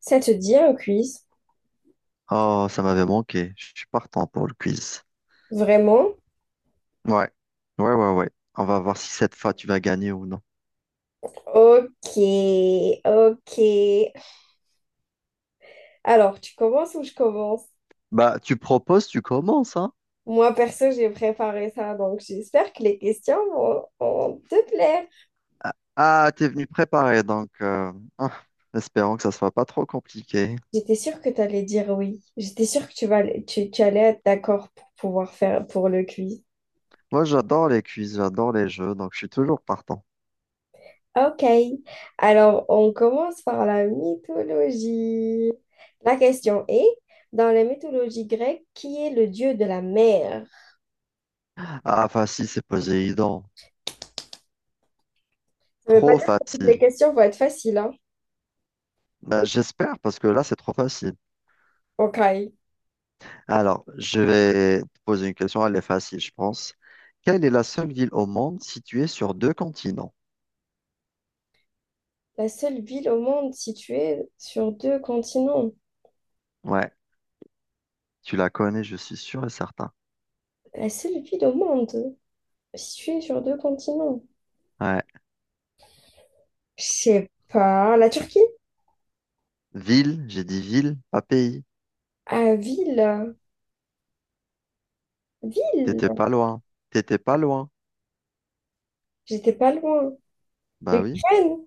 Ça te dit un quiz? Oh, ça m'avait manqué. Je suis partant pour le quiz. Vraiment? Ouais, ouais, ouais, ouais. On va voir si cette fois tu vas gagner ou non. Ok, ok. Alors, tu commences ou je commence? Bah, tu proposes, tu commences, hein? Moi, perso, j'ai préparé ça, donc j'espère que les questions vont te plaire. Ah, t'es venu préparer, donc ah, espérons que ça soit pas trop compliqué. J'étais sûre que tu allais dire oui. J'étais sûre que tu allais être d'accord pour pouvoir faire pour le quiz. Moi, j'adore les quiz, j'adore les jeux, donc je suis toujours partant. Ok. Alors, on commence par la mythologie. La question est, dans la mythologie grecque, qui est le dieu de la mer? Ah, facile, c'est Poséidon. Ça ne veut pas Trop dire que toutes les facile. questions vont être faciles, hein. Bah, j'espère, parce que là, c'est trop facile. Ok. Alors, je vais te poser une question, elle est facile, je pense. Quelle est la seule ville au monde située sur deux continents? La seule ville au monde située sur deux continents. Ouais. Tu la connais, je suis sûr et certain. La seule ville au monde située sur deux continents. Ouais. Je sais pas. La Turquie? Ville, j'ai dit ville, pas pays. Ah, ville. T'étais Ville. pas loin. T'étais pas loin. J'étais pas loin. Bah oui. L'Ukraine?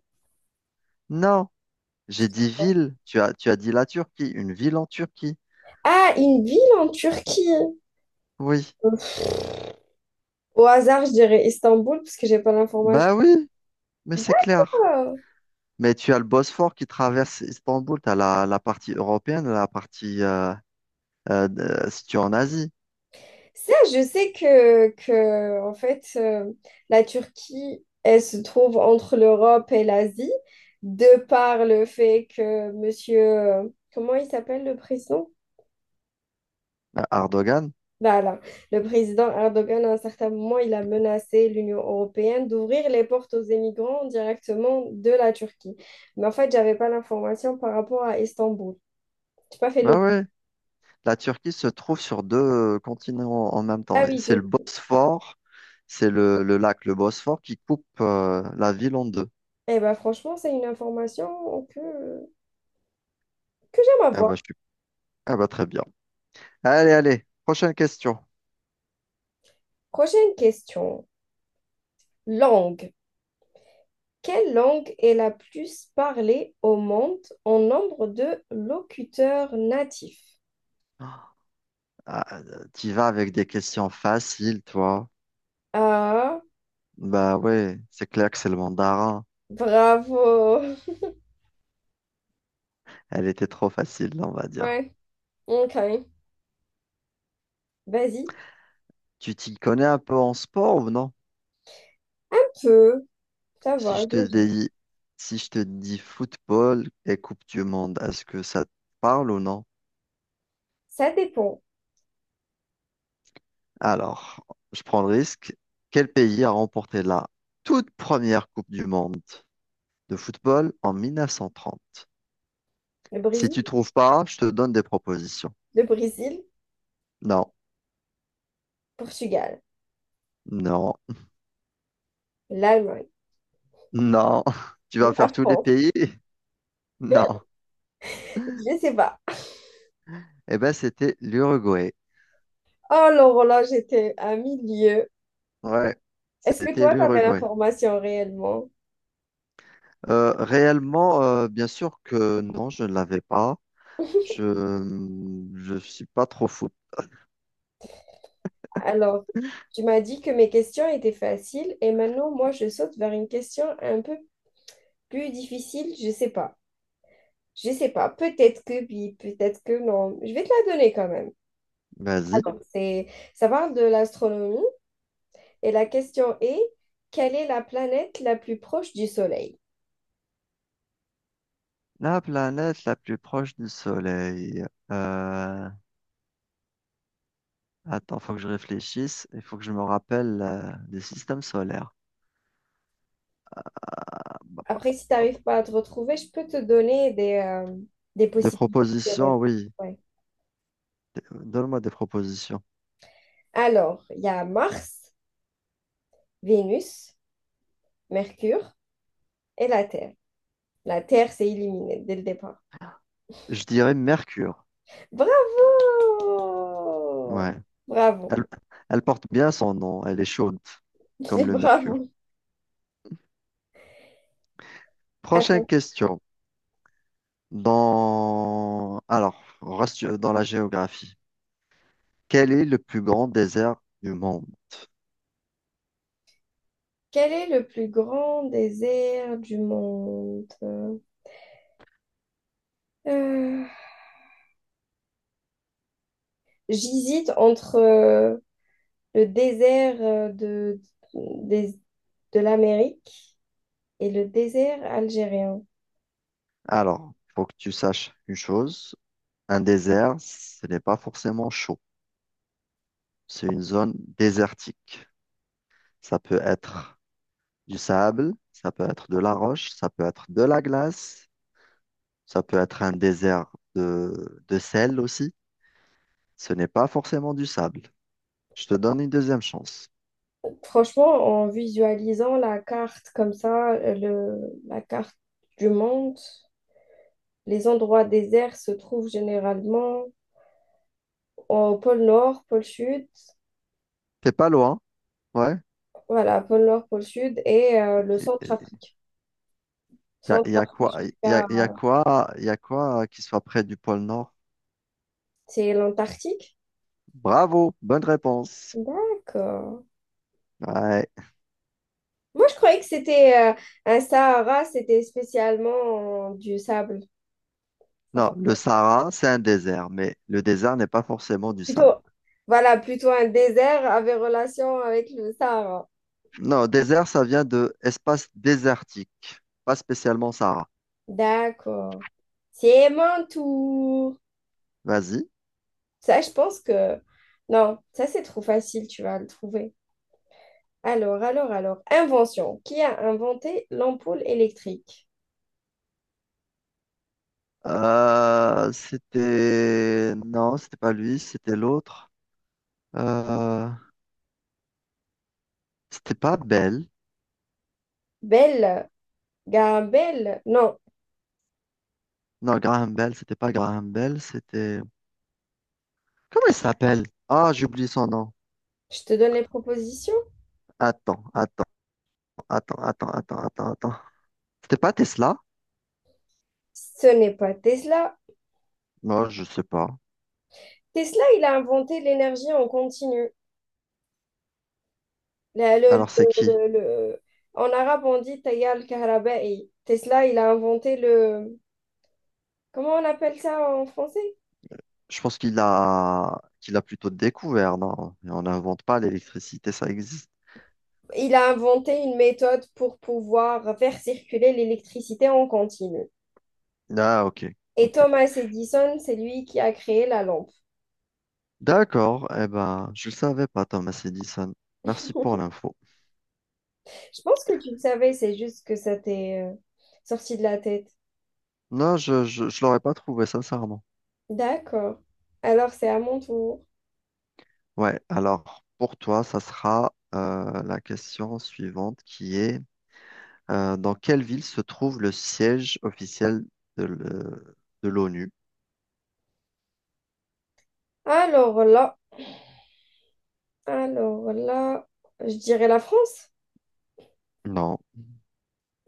Non, j'ai dit ville. Tu as dit la Turquie, une ville en Turquie. Ah, une ville en Turquie. Oui. Au hasard, je dirais Istanbul parce que j'ai pas l'information. Bah oui, mais c'est clair. Ah, Mais tu as le Bosphore qui traverse Istanbul. T'as la partie européenne, la partie située en Asie. ça, je sais que en fait, la Turquie, elle se trouve entre l'Europe et l'Asie, de par le fait que monsieur, comment il s'appelle le président? Erdogan. Voilà, le président Erdogan, à un certain moment, il a menacé l'Union européenne d'ouvrir les portes aux émigrants directement de la Turquie. Mais en fait, j'avais pas l'information par rapport à Istanbul. J'ai pas fait Bah le... oui. La Turquie se trouve sur deux continents en même temps. Ah oui, C'est le je... Bosphore, c'est le lac, le Bosphore, qui coupe la ville en deux. Eh ben, franchement, c'est une information que j'aime Ah bah, je avoir. suis... ah bah très bien. Allez, allez, prochaine question. Prochaine question. Langue. Quelle langue est la plus parlée au monde en nombre de locuteurs natifs? Ah, tu vas avec des questions faciles, toi. Ah, Bah ouais, c'est clair que c'est le mandarin. bravo. Elle était trop facile, on va dire. Ouais, ok. Vas-y, Tu t'y connais un peu en sport ou non? un peu. Ça Si va, je je te gère. dis, si je te dis football et Coupe du Monde, est-ce que ça te parle ou non? Ça dépend. Alors, je prends le risque. Quel pays a remporté la toute première Coupe du monde de football en 1930? Le Si Brésil, tu trouves pas, je te donne des propositions. le Brésil, Non, Portugal, non, l'Allemagne, non. Tu vas la faire tous les France. pays? Non. Je sais pas. Eh ben, c'était l'Uruguay. Oh, Laurent, là, j'étais à milieu. Ouais, Est-ce que c'était toi, t'avais l'Uruguay. l'information réellement? Réellement, bien sûr que non, je ne l'avais pas. Je je suis pas trop fou. Alors, tu m'as dit que mes questions étaient faciles et maintenant, moi, je saute vers une question un peu plus difficile. Je sais pas. Je sais pas. Peut-être que oui, peut-être que non. Je vais te la donner quand même. Vas-y. Alors, c'est, ça parle de l'astronomie. Et la question est, quelle est la planète la plus proche du Soleil? La planète la plus proche du Soleil. Euh, Attends, faut que je réfléchisse. Il faut que je me rappelle des systèmes solaires. Après, si tu Hop. n'arrives pas à te retrouver, je peux te donner des Des possibilités de propositions, réponse. oui. Ouais. Donne-moi des propositions. Alors, il y a Mars, Vénus, Mercure et la Terre. La Terre, c'est éliminé dès le départ. Je dirais Mercure. Bravo! Ouais. Bravo. Elle, elle porte bien son nom. Elle est chaude, Je comme dis le Mercure. bravo. Prochaine Attends, question. Alors, on reste dans la géographie. Quel est le plus grand désert du monde? quel est le plus grand désert du monde? Euh, j'hésite entre le désert de, des- de l'Amérique et le désert algérien. Alors, il faut que tu saches une chose, un désert, ce n'est pas forcément chaud. C'est une zone désertique. Ça peut être du sable, ça peut être de la roche, ça peut être de la glace, ça peut être un désert de sel aussi. Ce n'est pas forcément du sable. Je te donne une deuxième chance. Franchement, en visualisant la carte comme ça, le, la carte du monde, les endroits déserts se trouvent généralement au pôle Nord, pôle Sud. T'es pas loin, ouais. Voilà, pôle Nord, pôle Sud et le Il Centre-Afrique. y a, y a quoi, Centre-Afrique y a, jusqu'à... Y a quoi qui soit près du pôle Nord? C'est l'Antarctique? Bravo, bonne réponse. D'accord. Ouais. Moi, je croyais que c'était un Sahara, c'était spécialement du sable. Non, Enfin, le Sahara, c'est un désert, mais le désert n'est pas forcément du sable. plutôt, voilà, plutôt un désert avait relation avec le Sahara. Non, désert, ça vient de espace désertique, pas spécialement Sahara. D'accord. C'est mon tour. Vas-y. Ça, je pense que... Non, ça, c'est trop facile, tu vas le trouver. Alors, invention. Qui a inventé l'ampoule électrique? Non, c'était pas lui, c'était l'autre. Euh, C'était pas Bell. Belle, Gabelle. Non, Non, Graham Bell, c'était pas Graham Bell, c'était... Comment il s'appelle? Ah, j'ai oublié son nom. je te donne les propositions. Attends, attends, attends, attends, attends, attends, attends. C'était pas Tesla? Ce n'est pas Tesla. Moi, je sais pas. Tesla, il a inventé l'énergie en continu. La- le- Alors, c'est le- qui? le- le- En arabe, on dit Tayal Kahraba'i. Tesla, il a inventé le... Comment on appelle ça en français? Je pense qu'il a plutôt découvert, non? On n'invente pas l'électricité, ça existe. Il a inventé une méthode pour pouvoir faire circuler l'électricité en continu. Ah, ok, Et ok. Thomas Edison, c'est lui qui a créé la lampe. D'accord, eh ben, je le savais pas, Thomas Edison. Merci pour l'info. Je pense que tu le savais, c'est juste que ça t'est sorti de la tête. Non, je l'aurais pas trouvé, sincèrement. D'accord. Alors, c'est à mon tour. Ouais, alors, pour toi, ça sera la question suivante qui est: dans quelle ville se trouve le siège officiel de le- de l'ONU? Alors là, alors là, je dirais la France. Non.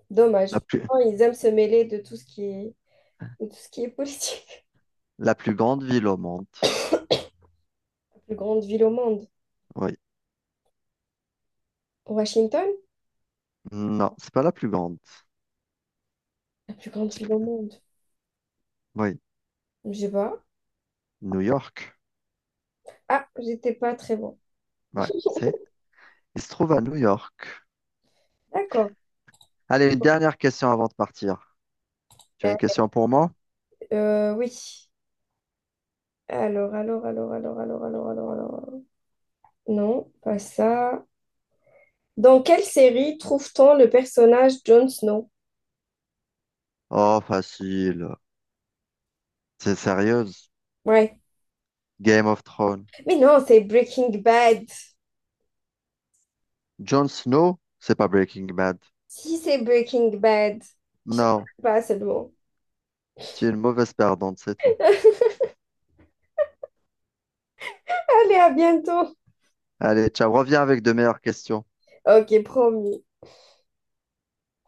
Dommage. La plus, Oh, ils aiment se mêler de tout ce qui est, de tout ce qui est politique. la plus grande ville au monde. La plus grande ville au monde. Oui. Washington? Non, c'est pas la plus grande. La plus grande C'est ville au plus- monde. Oui. Je sais pas. New York. Ah, j'étais pas très bon. Ouais. Il se trouve à New York. D'accord. Allez, une dernière question avant de partir. Tu as Euh, une question pour moi? euh, oui. Alors, alors. Non, pas ça. Dans quelle série trouve-t-on le personnage Jon Snow? Oh, facile. C'est sérieuse. Ouais. Game of Thrones. Mais non, c'est Breaking Bad. Jon Snow, c'est pas Breaking Bad. Si c'est Breaking Bad, je ne Non, sais pas seulement. tu es une mauvaise perdante, c'est tout. Allez, à bientôt. Allez, ciao, reviens avec de meilleures questions. Ok, promis.